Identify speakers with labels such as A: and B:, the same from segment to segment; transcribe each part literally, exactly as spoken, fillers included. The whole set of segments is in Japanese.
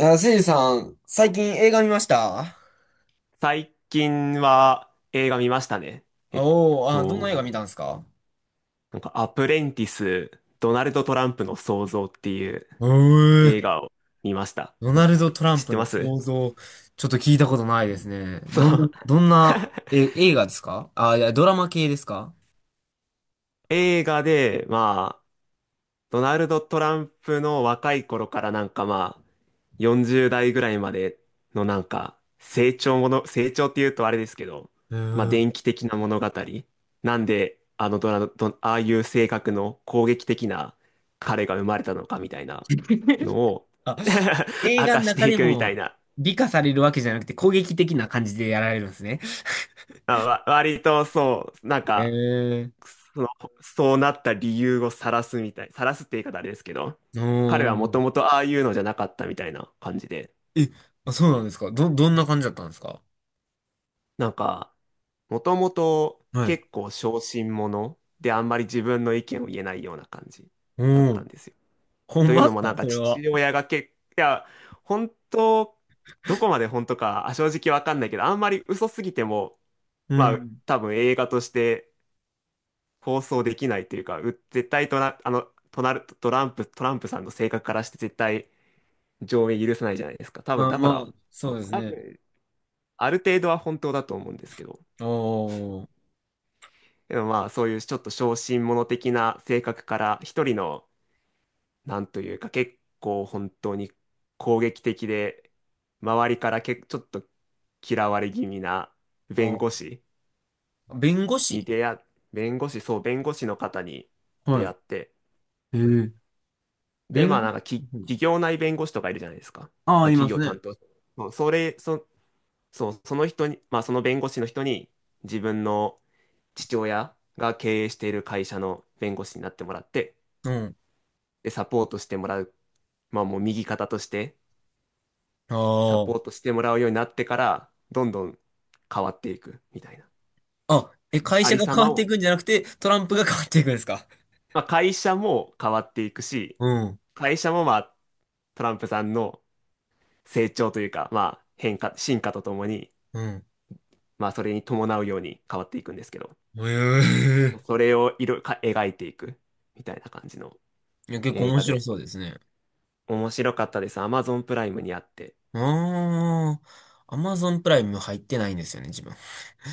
A: あ、せいじさん、最近映画見ました？
B: 最近は映画見ましたね。えっ
A: おおー、あ、どんな
B: と、
A: 映画見たんですか？
B: なんかアプレンティス、ドナルド・トランプの創造っていう
A: う
B: 映
A: ー、
B: 画を見ました。
A: ドナルド・トラン
B: 知っ
A: プ
B: て
A: の
B: ます？
A: 想像、ちょっと聞いたことないですね。
B: そ
A: どんな、
B: う。
A: どんな、え、映画ですか？あ、いや、ドラマ系ですか？
B: 映画で、まドナルド・トランプの若い頃からなんかまあ、よんじゅう代ぐらいまでのなんか、成長もの、成長っていうとあれですけど、
A: う
B: まあ、
A: ーん。
B: 電気的な物語。なんで、あのドラ、ド、ああいう性格の攻撃的な彼が生まれたのかみたいなの を
A: あ、映
B: 明
A: 画
B: か
A: の
B: し
A: 中
B: てい
A: で
B: くみたい
A: も
B: な。
A: 美化されるわけじゃなくて攻撃的な感じでやられるんですね。
B: まあ、わ割とそう、なん
A: へ
B: か、
A: え。
B: その、そうなった理由を晒すみたい、晒すって言い方あれですけど、
A: お
B: 彼はもと
A: ー。
B: もとああいうのじゃなかったみたいな感じで、
A: え、あ、そうなんですか？ど、どんな感じだったんですか？
B: なんか、もともと
A: はい。
B: 結構小心者であんまり自分の意見を言えないような感じ
A: お
B: だった
A: ー。
B: んですよ。
A: ほん
B: という
A: まっ
B: の
A: す
B: も
A: か、
B: なん
A: そ
B: か
A: れは？
B: 父親がけ、いや、本当、どこまで本当かあ正直わかんないけど、あんまり嘘すぎても、
A: う
B: まあ
A: ん。
B: 多分映画として放送できないというか、う絶対とな、あの、となる、トランプ、トランプさんの性格からして絶対上映許さないじゃないですか。多分、
A: あ、
B: だか
A: まあ、
B: ら、
A: そうです
B: 多
A: ね。
B: 分、ある程度は本当だと思うんですけど、
A: おー、
B: でもまあそういうちょっと小心者的な性格から一人のなんというか結構本当に攻撃的で周りからけちょっと嫌われ気味な弁護
A: あ、
B: 士
A: 弁護
B: に
A: 士。
B: 出会っ弁護士そう弁護士の方に出
A: は
B: 会って、
A: い。えー
B: で、ま
A: 弁護
B: あ
A: 士。
B: なんかき企業内弁護士とかいるじゃないですか。
A: あ
B: ま
A: あ、
B: あ
A: いま
B: 企
A: す
B: 業
A: ね。
B: 担当。そうそれ、そ、そう、その人に、まあその弁護士の人に自分の父親が経営している会社の弁護士になってもらって、
A: うん。
B: で、サポートしてもらう。まあもう右肩としてサポー
A: あ
B: トしてもらうようになってから、どんどん変わっていくみたいな。
A: あ。あ、え、
B: その
A: 会
B: あ
A: 社
B: り
A: が
B: さ
A: 変わ
B: ま
A: ってい
B: を、
A: くんじゃなくて、トランプが変わっていくんですか？
B: まあ会社も変わっていくし、
A: うん。
B: 会社もまあトランプさんの成長というか、まあ変化、進化とともに、
A: うん。
B: まあ、それに伴うように変わっていくんですけど、
A: ええ。
B: それを色か描いていくみたいな感じの
A: いや、結構
B: 映
A: 面
B: 画
A: 白
B: で、
A: そうですね。
B: 面白かったです。Amazon プライムにあって。
A: ああ。アマゾンプライム入ってないんですよね、自分。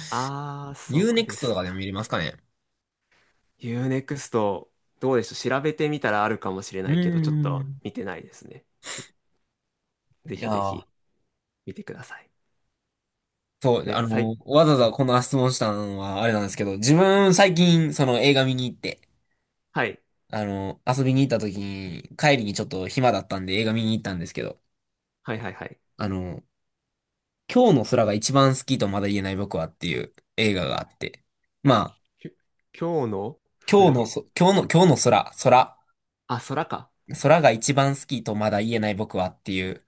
B: あー、そうで
A: ユーネクスト と
B: す
A: かでも見
B: か。
A: れますかね？
B: ユーネクストどうでしょう。調べてみたらあるかもしれな
A: うー
B: いけど、ちょっと
A: ん。
B: 見てないですね。うん、ぜ
A: いや
B: ひぜ
A: ー。
B: ひ見てください。
A: そう、あ
B: ね、さい、
A: の、わざわざこの質問したのはあれなんですけど、自分最近その映画見に行って、
B: はい、
A: あの、遊びに行った時に、帰りにちょっと暇だったんで映画見に行ったんですけど、
B: はいはいはい。
A: あの、今日の空が一番好きとまだ言えない僕はっていう映画があって、まあ、
B: きゅ今日のフ
A: 今日の
B: ラ
A: そ、今日の、今日の空、空、
B: あ、空か。
A: 空が一番好きとまだ言えない僕はっていう、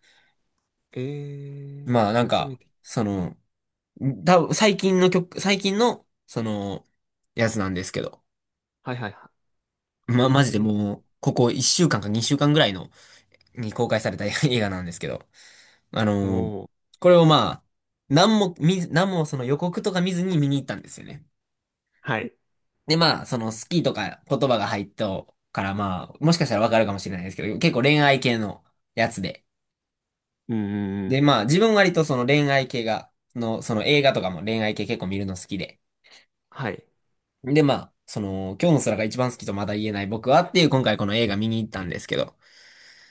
B: えー、
A: まあなん
B: 初め
A: か、
B: て。
A: その、多分最近の曲、最近の、その、やつなんですけど、
B: はいはいはい。
A: ま、マジで
B: え
A: もう、ここいっしゅうかんかにしゅうかんぐらいのに公開された 映画なんですけど、あ
B: ー、
A: のー
B: おー、
A: これをまあ、何も見ず、何もその予告とか見ずに見に行ったんですよね。
B: はい。
A: でまあ、その好きとか言葉が入ったからまあ、もしかしたらわかるかもしれないですけど、結構恋愛系のやつで。
B: うんう
A: で
B: ん、
A: まあ、自分割とその恋愛系が、その、その映画とかも恋愛系結構見るの好きで。
B: はい。
A: でまあ、その、今日の空が一番好きとまだ言えない僕はっていう今回この映画見に行ったんですけど、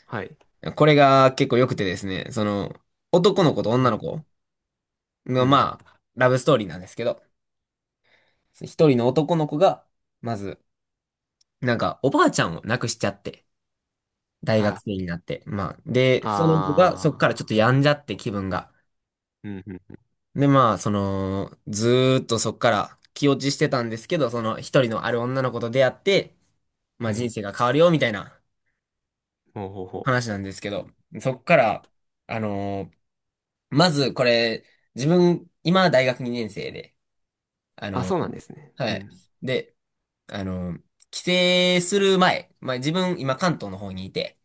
B: はい。
A: これが結構良くてですね、その、男の子と女の
B: も
A: 子
B: う、
A: の、
B: うん。
A: まあ、ラブストーリーなんですけど、一人の男の子が、まず、なんか、おばあちゃんを亡くしちゃって、大
B: あ
A: 学
B: ら。
A: 生になって、まあ、で、その子がそっから
B: あ
A: ちょっと
B: ー。
A: 病んじゃって気分が。
B: うん、うん、
A: で、まあ、その、ずーっとそっから気落ちしてたんですけど、その一人のある女の子と出会って、ま
B: う
A: あ人
B: ん。
A: 生が変わるよ、みたいな
B: ほうほうほ
A: 話
B: う。
A: なんですけど、そっから、あのーまずこれ、自分、今大学にねん生で、あ
B: あ、
A: の
B: そうな
A: ー
B: んですね。
A: は
B: う
A: い。
B: ん。
A: であの、帰省する前、まあ自分今関東の方にいて、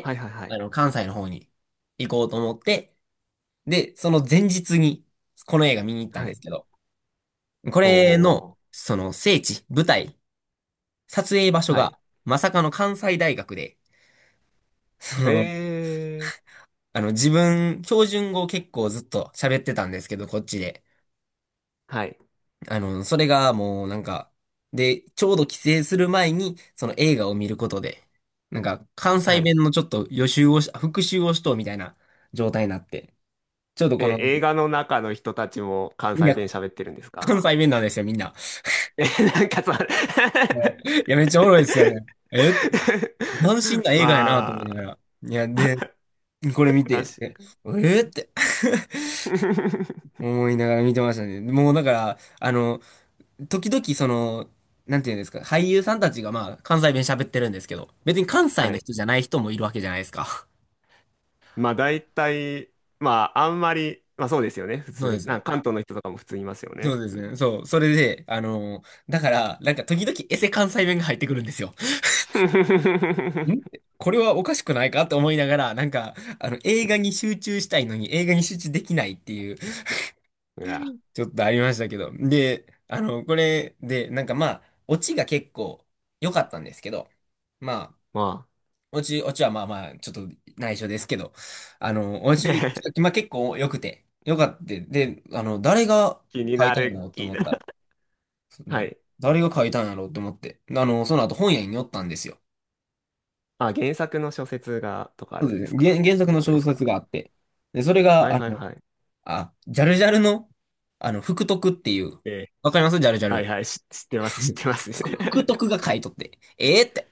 B: はいはいは
A: あ
B: い。
A: の、関西の方に行こうと思って、で、その前日にこの映画見に行ったん
B: は
A: で
B: い。
A: すけど、こ
B: ほう
A: れ
B: ほうほ
A: の、
B: う。
A: その聖地、舞台、撮影場所
B: はい。
A: が、まさかの関西大学で、その、
B: えー。
A: あの、自分、標準語を結構ずっと喋ってたんですけど、こっちで。
B: はい。
A: あの、それがもうなんか、で、ちょうど帰省する前に、その映画を見ることで、なんか関西
B: はい。
A: 弁のちょっと予習をし、復習をしとうみたいな状態になって、ちょっとこ
B: え、
A: の、
B: 映画の中の人たちも関
A: みん
B: 西
A: な
B: 弁喋ってるんですか？
A: 関西弁なんですよ、みんな。
B: え、なんかさ、
A: はいいや、めっちゃおもろいですよね。えって斬新な映画やなと
B: ま
A: 思いなが
B: あ、
A: ら。いや、で、これ見て、え
B: 確
A: えって
B: か
A: 思いながら見てましたね。もうだから、あの、時々その、なんていうんですか、俳優さんたちがまあ関西弁喋ってるんですけど、別に関西
B: は
A: の
B: い。
A: 人じゃない人もいるわけじゃないですか。
B: まあ、大体、まあ、あんまり、まあそうですよね。普
A: そうで
B: 通、な
A: す。
B: んか関東の人とかも普通いますよ
A: そ
B: ね。
A: うですね。そう。それで、あのーだから、なんか時々エセ関西弁が入ってくるんですよ。ん これはおかしくないかと思いながら、なんか、あの、映画に集中したいのに映画に集中できないっていう、
B: いや、
A: ちょっとありましたけど。で、あの、これで、なんかまあ、オチが結構良かったんですけど、まあ、
B: ま
A: おち、おちはまあまあ、ちょっと内緒ですけど、あの、おち、
B: あ、
A: 今結構良くて、良かった。で、あの、誰が
B: 気に
A: 書い
B: な
A: たんだ
B: る、
A: ろうと
B: 気に
A: 思
B: な
A: っ
B: る。
A: たら、う
B: は
A: ん
B: い。
A: 誰が書いたんやろうと思って、あの、その後本屋に寄ったんですよ。
B: あ、原作の小説が、とかあ
A: そう
B: るんで
A: です
B: す
A: ね。
B: かっ
A: 原、原作
B: て
A: の
B: ことで
A: 小
B: すか？
A: 説があって、で、それ
B: は
A: が、
B: い
A: あ
B: はい
A: の、
B: はい。
A: あ、ジャルジャルの、あの、福徳っていう、
B: ええ、
A: わかりますジャルジャ
B: はい
A: ル？
B: はい、し知ってます、知ってます。
A: ふ福徳 が書いとって、ええって。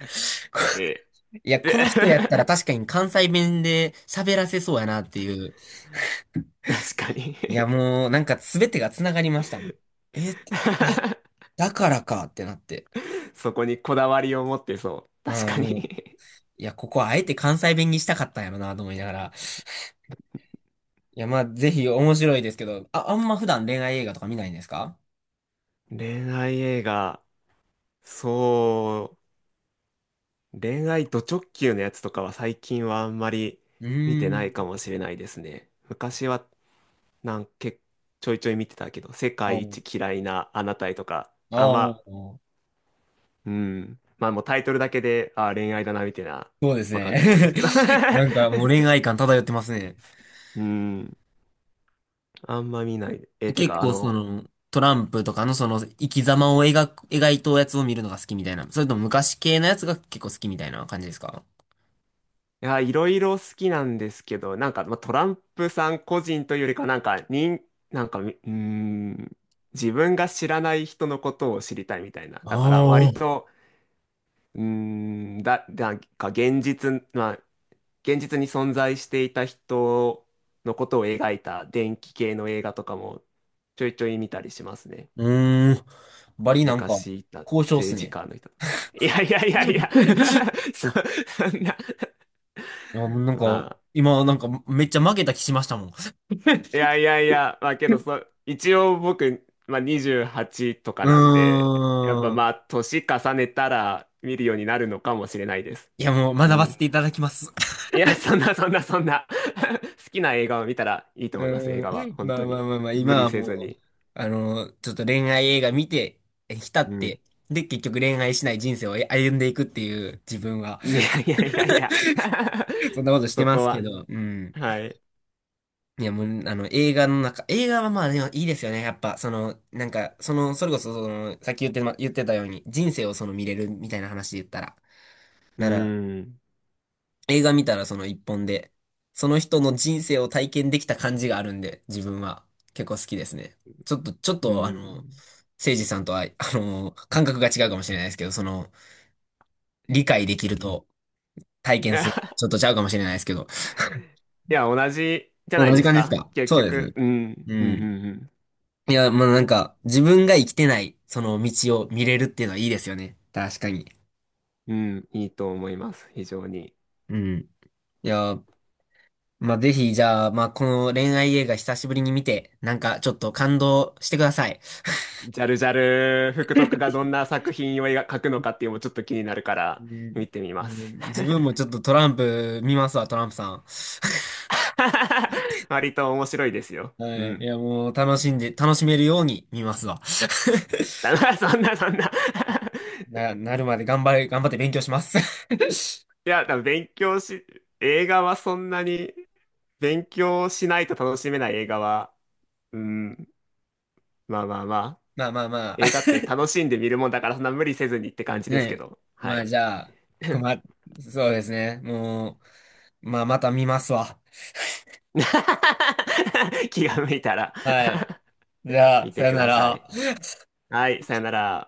B: え
A: いや、
B: え、
A: こ
B: で
A: の人やったら確かに関西弁で喋らせそうやなっていう、
B: 確かに
A: いや、もう、なんか全てが繋がりましたもん。え、だからかってなって。
B: そこにこだわりを持ってそう。確
A: うん、
B: かに
A: もう、いや、ここはあえて関西弁にしたかったんやろなと思いながら。いや、まあ、ぜひ面白いですけど、あ、あんま普段恋愛映画とか見ないんですか？
B: 恋愛映画、そう、恋愛ド直球のやつとかは最近はあんまり
A: う
B: 見て
A: ー
B: ない
A: ん。
B: かもしれないですね。昔はなんけ、ちょいちょい見てたけど、世
A: ああ、
B: 界一嫌いなあなたへとか、
A: あ
B: あ、まあ、
A: ー
B: うん。まあもうタイトルだけで、あ、恋愛だな、みたいな、
A: そうです
B: わかると思うんで
A: ね。
B: すけど。
A: なんかもう恋愛 感漂ってますね。
B: うん。あんま見ない。え、て
A: 結
B: か、あ
A: 構そ
B: の、
A: の、トランプとかのその生き様を描く、描いたやつを見るのが好きみたいな。それとも昔系のやつが結構好きみたいな感じですか？
B: いや、いろいろ好きなんですけど、なんか、まあ、トランプさん個人というよりか、なんか、人、なんか、みうん、自分が知らない人のことを知りたいみたいな。
A: あ
B: だから、割
A: あー。
B: と、うーん、だ、なんか現実、まあ、現実に存在していた人のことを描いた電気系の映画とかもちょいちょい見たりしますね。
A: うーん。バリなんか、
B: 昔いた
A: 交渉っす
B: 政治
A: ね。
B: 家の人とか。いやいやいやいや
A: い
B: そ、そんな、
A: や、もうなん
B: ま
A: か、
B: あ、
A: 今なんかめっちゃ負けた気しましたもん。
B: い やいやいや、まあけどそ、一応僕、まあ、にじゅうはちとか
A: う
B: なんで、やっぱ
A: ー
B: ま
A: ん。
B: あ、年重ねたら見るようになるのかもしれないです。
A: いや、もう学
B: う
A: ば
B: ん。
A: せていただきます。
B: いや、そんなそんなそんな 好きな映画を見たらいいと
A: う
B: 思います、映画
A: ー
B: は。
A: ん。
B: 本
A: ま
B: 当
A: あまあ
B: に。
A: まあまあ、今
B: 無理
A: は
B: せ
A: も
B: ず
A: う、
B: に。
A: あの、ちょっと恋愛映画見て、え浸
B: う
A: っ
B: ん。
A: て、で、結局恋愛しない人生を歩んでいくっていう自分は、
B: いやいやいやいや
A: そんなことして
B: そ
A: ま
B: こ
A: すけ
B: は、
A: ど、うん。
B: はい。
A: いや、もう、あの、映画の中、映画はまあでもいいですよね。やっぱ、その、なんか、その、それこそ、その、さっき言って、ま、言ってたように、人生をその見れるみたいな話で言ったら。
B: う
A: なら、
B: ん。
A: 映画見たらその一本で、その人の人生を体験できた感じがあるんで、自分は結構好きですね。ちょっと、ちょっ
B: う
A: と、あの、誠
B: ん。
A: 司さんとは、あの、感覚が違うかもしれないですけど、その、理解できると体
B: い
A: 験
B: や、
A: する、
B: い
A: ちょっとちゃうかもしれないですけど。
B: や同じじゃな
A: 同
B: い
A: じ
B: です
A: 感じです
B: か
A: か？
B: 結
A: そうで
B: 局。
A: す。
B: うん。
A: う
B: う
A: ん。
B: ん。
A: いや、まあなんか、自分が生きてない、その道を見れるっていうのはいいですよね。確かに。
B: うん。うん。うん、いいと思います。非常に。
A: うん。いや、まあぜひ、じゃあ、まあこの恋愛映画久しぶりに見て、なんかちょっと感動してください。
B: ジャルジャル、福徳がどんな作品を描くのかっていうのもちょっと気になるか
A: う
B: ら、
A: ん。うん
B: 見てみます。
A: 自分もちょっとトランプ見ますわ、トランプさん。
B: 割と面白いですよ。
A: は
B: う
A: い。い
B: ん。
A: や、もう楽しんで、楽しめるように見ますわ。
B: だからそんな、そんな い
A: な、なるまで頑張れ、頑張って勉強します。
B: や、多分勉強し、映画はそんなに勉強しないと楽しめない映画は、うん、まあまあまあ、
A: まあまあまあ。
B: 映画って楽しんで見るもんだからそんな無理せずにって感 じ
A: ね
B: ですけ
A: え。
B: ど、は
A: まあ
B: い。
A: じゃあ、困っ、そうですね。もう、まあ、また見ますわ。
B: 気が向いたら
A: はい。じゃあ、
B: 見
A: さ
B: て
A: よ
B: く
A: な
B: ださ
A: ら。
B: い。はい、さよなら。